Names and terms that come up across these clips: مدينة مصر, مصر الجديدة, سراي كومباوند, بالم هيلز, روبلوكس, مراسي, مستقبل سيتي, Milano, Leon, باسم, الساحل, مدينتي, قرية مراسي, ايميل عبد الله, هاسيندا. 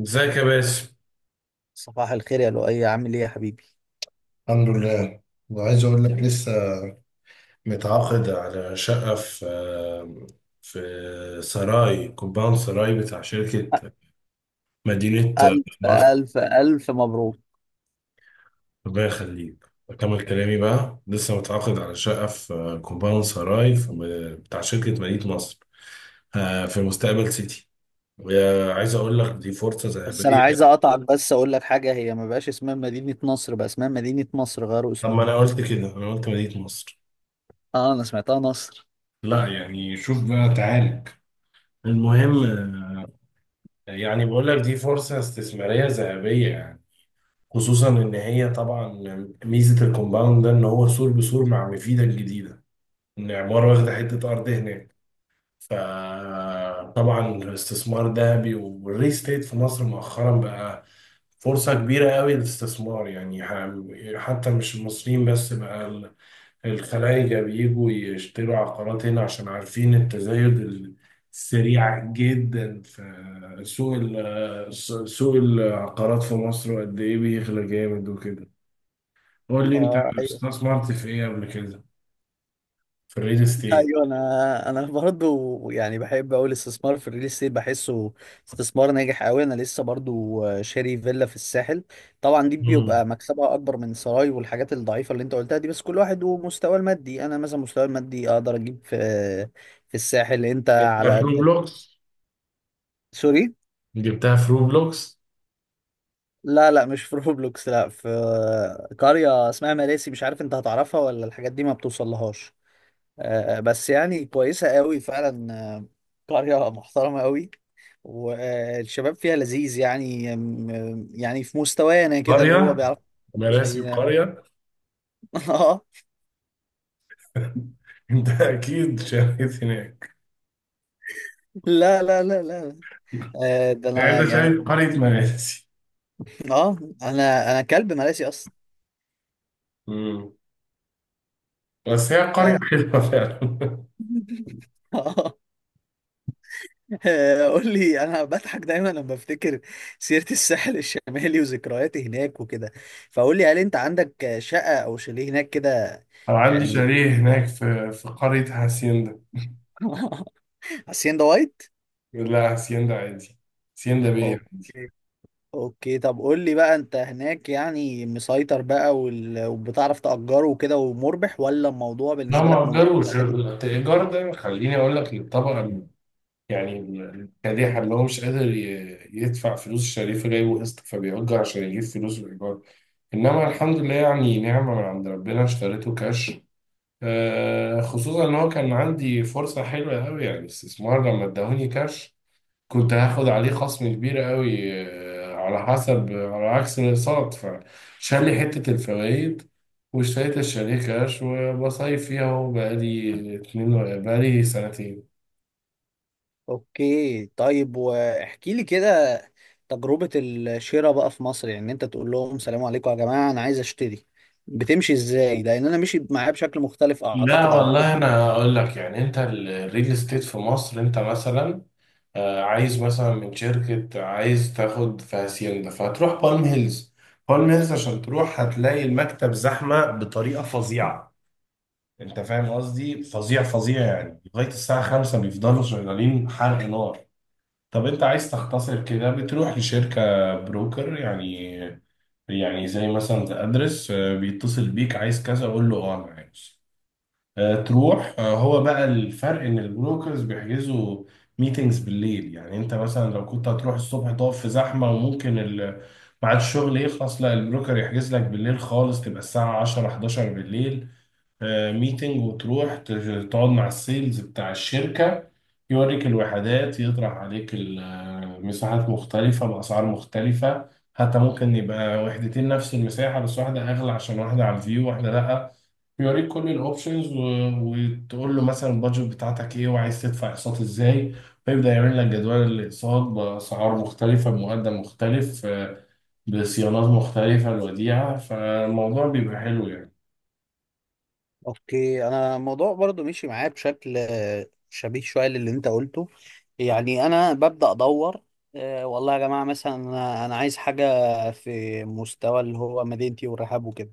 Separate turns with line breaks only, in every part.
ازيك يا باسم.
صباح الخير يا لؤي، عامل ايه يا حبيبي؟
الحمد لله. وعايز اقول لك لسه متعاقد على شقة في سراي، كومباوند سراي بتاع شركة مدينة
الف
مصر.
الف الف مبروك.
الله يخليك، أكمل كلامي بقى. لسه متعاقد على شقة في كومباوند سراي، في بتاع شركة مدينة مصر، في مستقبل سيتي. وعايز أقول لك دي فرصة
بس انا
ذهبية.
عايز اقطعك، بس اقول لك حاجه، هي ما بقاش اسمها مدينه نصر، بقى اسمها مدينه مصر، غيروا
طب ما
اسمهم.
أنا قلت كده، أنا قلت مدينة مصر.
اه انا سمعتها نصر.
لا يعني شوف بقى تعالج. المهم، يعني بقول لك دي فرصة استثمارية ذهبية يعني. خصوصا ان هي طبعا ميزة الكومباوند ده ان هو سور بسور مع مفيدة الجديدة، ان عمارة واخدة حتة ارض هناك. فطبعا الاستثمار ذهبي، والريل استيت في مصر مؤخرا بقى فرصة كبيرة قوي للاستثمار يعني، حتى مش المصريين بس بقى، الخلايجة بيجوا يشتروا عقارات هنا عشان عارفين التزايد السريع جدا في سوق العقارات في مصر، وقد إيه بيغلى جامد وكده. قول لي أنت،
اه أيوه.
استثمرت في إيه قبل كده؟ في الريل استيت.
ايوه انا برضو يعني بحب اقول الاستثمار في الريل استيت بحسه استثمار ناجح قوي. انا لسه برضو شاري فيلا في الساحل. طبعا دي
مم.
بيبقى مكسبها اكبر من سراي والحاجات الضعيفه اللي انت قلتها دي، بس كل واحد ومستواه المادي. انا مثلا مستواي المادي اقدر اجيب في الساحل، انت
جبتها في
على قدك.
روبلوكس.
سوري.
جبتها في روبلوكس.
لا لا، مش في روبلوكس، لا في قريه اسمها مراسي، مش عارف انت هتعرفها ولا الحاجات دي ما بتوصلهاش. آه، بس يعني كويسة قوي فعلا. آه، قرية محترمة قوي، والشباب فيها لذيذ يعني. يعني في مستوانا كده، اللي هو
قرية
بيعرف زي
مراسي
ده.
قرية.
اه.
أنت أكيد شريت هناك.
لا لا لا لا. آه، ده
يعني
انا
أنت
يعني.
شايف قرية مراسي.
اه انا كلب مراسي اصلا.
مم. بس هي
آه،
قرية حلوة فعلا.
آه، آه، قول لي، انا بضحك دايما لما بفتكر سيرة الساحل الشمالي وذكرياتي هناك وكده. فقول لي، هل انت عندك شقة او شاليه هناك كده؟
أو عندي
يعني.
شاليه هناك في قرية هاسيندا.
حسين ده وايت.
لا، هاسيندا عادي. هاسيندا بيه عادي.
اوكي. اوكي، طب قول لي بقى، انت هناك يعني مسيطر بقى وبتعرف تأجره وكده ومربح، ولا الموضوع
لا
بالنسبة لك
ما
مجرد
أجروش.
عادي؟
الإيجار ده خليني أقول لك للطبقة يعني الكادحة، اللي هو مش قادر يدفع فلوس الشاليه، فجايبه قسط فبيأجر عشان يجيب فلوس الإيجار. إنما الحمد لله، يعني نعمة من عند ربنا، اشتريته كاش. خصوصا إن هو كان عندي فرصة حلوة أوي يعني، استثمار لما اداهوني كاش كنت هاخد عليه خصم كبير قوي، على حسب، على عكس الاقساط، فشال لي حتة الفوائد، واشتريت الشاليه كاش. وبصيف فيها اهو بقالي بقالي سنتين.
اوكي طيب، واحكي لي كده تجربة الشراء بقى في مصر. يعني انت تقول لهم سلام عليكم يا جماعة انا عايز اشتري؟ بتمشي ازاي؟ لان انا مشيت معاه بشكل مختلف
لا
اعتقد عن كل.
والله، انا اقول لك يعني، انت الريل استيت في مصر، انت مثلا عايز مثلا من شركة، عايز تاخد في هاسيندا، فهتروح بالم هيلز. بالم هيلز عشان تروح هتلاقي المكتب زحمة بطريقة فظيعة، انت فاهم قصدي، فظيع فظيع يعني. لغايه الساعه 5 بيفضلوا شغالين حرق نار. طب انت عايز تختصر كده، بتروح لشركه بروكر يعني، يعني زي مثلا ذا ادرس، بيتصل بيك عايز كذا، قول له اه انا عايز تروح، هو بقى الفرق ان البروكرز بيحجزوا ميتينجز بالليل. يعني انت مثلا لو كنت هتروح الصبح تقف في زحمه، وممكن ميعاد الشغل يخلص. لا، البروكر يحجز لك بالليل خالص، تبقى الساعه 10 11 بالليل ميتنج، وتروح تقعد مع السيلز بتاع الشركة، يوريك الوحدات، يطرح عليك مساحات مختلفة بأسعار مختلفة. حتى ممكن يبقى وحدتين نفس المساحة بس واحدة أغلى عشان واحدة على الفيو واحدة لأ. يوريك كل الاوبشنز، وتقول له مثلا البادجت بتاعتك ايه، وعايز تدفع اقساط ازاي، فيبدأ يعمل لك جدول الاقساط بأسعار مختلفة، بمقدم مختلف، بصيانات مختلفة، الوديعة. فالموضوع بيبقى حلو يعني.
اوكي، انا الموضوع برضو مشي معايا بشكل شبيه شويه للي انت قلته. يعني انا ببدا ادور. والله يا جماعه، مثلا أنا عايز حاجه في مستوى اللي هو مدينتي والرحاب وكده.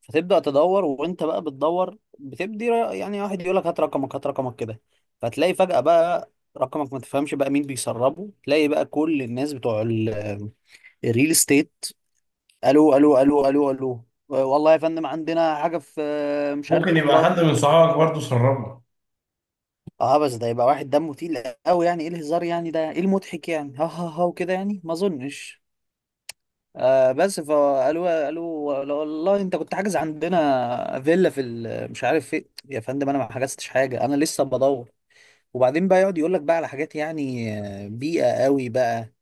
فتبدا تدور، وانت بقى بتدور بتبدي يعني واحد يقول لك هات رقمك هات رقمك كده. فتلاقي فجاه بقى رقمك، ما تفهمش بقى مين بيسربه، تلاقي بقى كل الناس بتوع الريل استيت. الو الو الو الو الو، والله يا فندم عندنا حاجه في مش عارف
ممكن يبقى
كومباوند.
حد من صحابك برضه سربه.
اه بس ده يبقى واحد دمه تقيل قوي، يعني ايه الهزار يعني، ده ايه المضحك يعني، ها ها ها وكده. يعني ما اظنش. آه بس فقالوا والله انت كنت حاجز عندنا فيلا في مش عارف فين. يا فندم انا ما حجزتش حاجه، انا لسه بدور. وبعدين بقى يقعد يقول لك بقى على حاجات يعني آه، بيئه قوي بقى،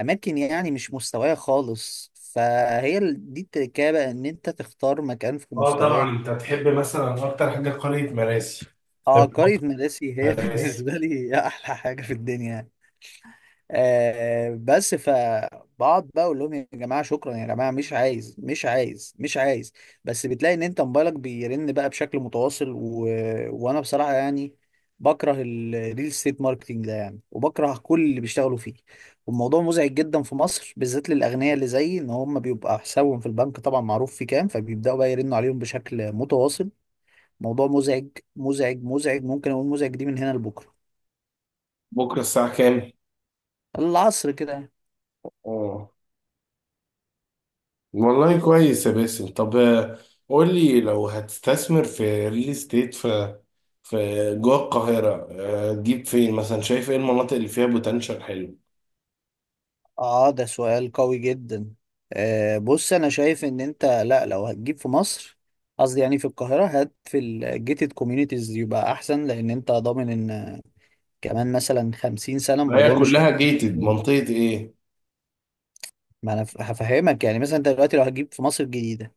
اماكن يعني مش مستوايه خالص. فهي دي التركيبه بقى، ان انت تختار مكان في
اه طبعا،
مستواك.
انت هتحب مثلا اكتر حاجه قريه مراسي.
اه
تحب
قريه مراسي هي
مراسي.
بالنسبه لي احلى حاجه في الدنيا. آه بس فبقعد بقى اقول لهم يا جماعه شكرا يا جماعه، مش عايز مش عايز مش عايز. بس بتلاقي ان انت موبايلك بيرن بقى بشكل متواصل وانا بصراحه يعني بكره الريل استيت ماركتنج ده يعني، وبكره كل اللي بيشتغلوا فيه. والموضوع مزعج جدا في مصر، بالذات للاغنياء اللي زيي، ان هم بيبقى حسابهم في البنك طبعا معروف في كام، فبيبداوا بقى يرنوا عليهم بشكل متواصل. موضوع مزعج مزعج مزعج، ممكن اقول مزعج دي من هنا لبكره.
بكرة الساعة كام؟
العصر كده.
اه، والله كويس يا باسم. طب قول لي، لو هتستثمر في ريل استيت في، في جوه القاهرة، تجيب فين مثلا؟ شايف ايه المناطق اللي فيها بوتنشال حلو؟
اه ده سؤال قوي جدا. آه بص، انا شايف ان انت، لا لو هتجيب في مصر، قصدي يعني في القاهرة، هات في الجيتد كوميونيتيز يبقى احسن، لان انت ضامن ان كمان مثلا 50 سنة
ما هي
الموضوع مش
كلها جيتد، منطقة ايه؟
ما انا هفهمك. يعني مثلا انت دلوقتي لو هتجيب في مصر الجديدة،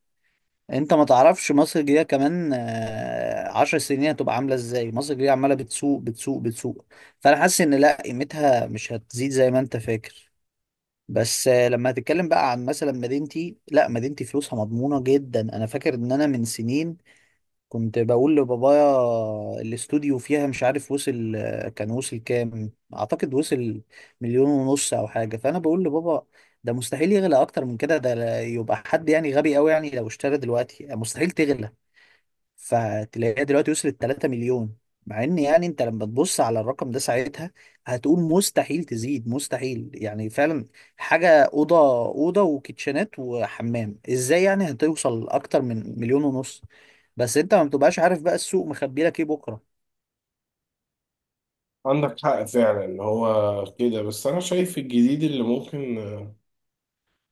انت ما تعرفش مصر الجديدة كمان آه، 10 سنين هتبقى عاملة ازاي. مصر الجديدة عمالة بتسوق بتسوق بتسوق، فانا حاسس ان لا قيمتها مش هتزيد زي ما انت فاكر. بس آه، لما هتتكلم بقى عن مثلا مدينتي، لا مدينتي فلوسها مضمونة جدا. انا فاكر ان انا من سنين كنت بقول لبابايا، الاستوديو فيها مش عارف وصل آه، كان وصل كام، اعتقد وصل مليون ونص او حاجة. فانا بقول لبابا، ده مستحيل يغلى اكتر من كده، ده يبقى حد يعني غبي قوي يعني لو اشترى دلوقتي، مستحيل تغلى. فتلاقيها دلوقتي وصلت 3 مليون. مع ان يعني انت لما تبص على الرقم ده ساعتها هتقول مستحيل تزيد مستحيل، يعني فعلا حاجة، أوضة أوضة وكيتشنات وحمام، ازاي يعني هتوصل أكتر من مليون ونص؟ بس انت ما بتبقاش عارف بقى السوق مخبي لك ايه بكرة.
عندك حق فعلا، هو كده. بس انا شايف الجديد اللي ممكن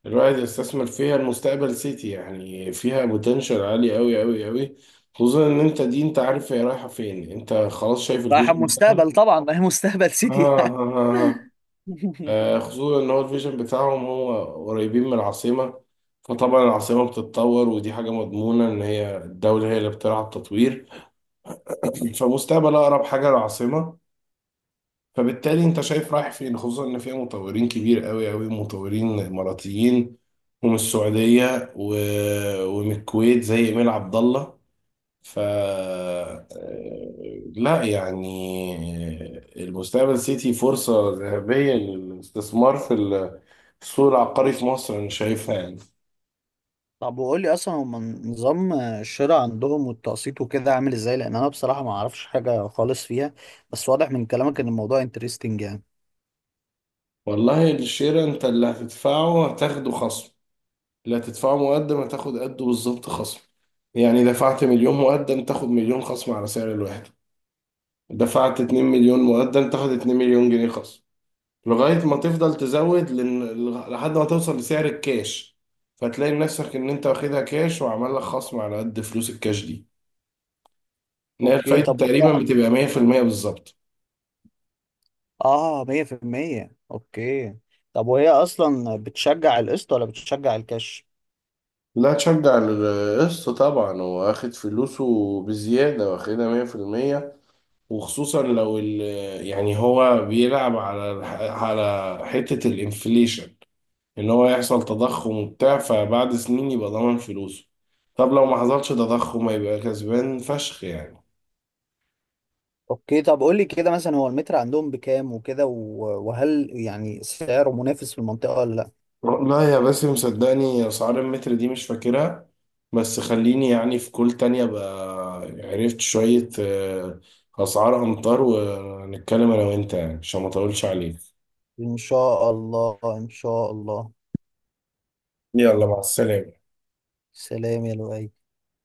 الواحد يستثمر فيها المستقبل سيتي. يعني فيها بوتنشال عالي قوي قوي قوي. خصوصا ان انت دي انت عارف هي رايحه فين، انت خلاص شايف
رايح
الفيجن بتاعها.
المستقبل طبعا، ما هي مستقبل
آه,
سيتي.
آه, آه, خصوصا ان هو الفيجن بتاعهم هو قريبين من العاصمه، فطبعا العاصمه بتتطور، ودي حاجه مضمونه ان هي الدوله هي اللي بتلعب تطوير. فمستقبل اقرب حاجه للعاصمه، فبالتالي انت شايف رايح فين. خصوصا ان فيها مطورين كبير قوي قوي، مطورين اماراتيين، ومن السعوديه و... ومن الكويت زي ايميل عبد الله. ف لا يعني، المستقبل سيتي فرصه ذهبيه للاستثمار في السوق العقاري في مصر، انا شايفها يعني.
طب وقول لي اصلا هم نظام الشراء عندهم والتقسيط وكده عامل ازاي؟ لان انا بصراحة ما اعرفش حاجة خالص فيها، بس واضح من كلامك ان الموضوع انترستنج يعني.
والله الشير انت اللي هتدفعه هتاخده خصم. لا، تدفعه مقدم هتاخد قده بالظبط خصم. يعني دفعت مليون مقدم، تاخد مليون خصم على سعر الواحد. دفعت 2 مليون مقدم، تاخد 2 مليون جنيه خصم، لغاية ما تفضل تزود، لن... لحد ما توصل لسعر الكاش. فتلاقي نفسك إن أنت واخدها كاش، وعمل لك خصم على قد فلوس الكاش دي، إن هي
اوكي
الفايدة
طب.
تقريبا بتبقى 100% بالظبط.
اه 100% اوكي. طب وهي اصلا بتشجع القسط ولا بتشجع الكاش؟
لا، تشجع القسط طبعا، هو واخد فلوسه بزيادة، واخدها 100%. وخصوصا لو يعني هو بيلعب على على حتة الانفليشن، ان هو يحصل تضخم وبتاع، فبعد سنين يبقى ضامن فلوسه. طب لو ما حصلش تضخم هيبقى كسبان فشخ يعني.
اوكي طب، قول لي كده مثلا، هو المتر عندهم بكام وكده، وهل يعني سعره منافس في المنطقة ولا لا؟
لا يا باسم، صدقني اسعار المتر دي مش فاكرها، بس خليني يعني في كل تانية بقى عرفت شوية اسعار امتار، ونتكلم انا وانت، يعني عشان ما اطولش عليك.
ان شاء الله ان شاء الله.
يلا، مع السلامة.
سلام يا لؤي.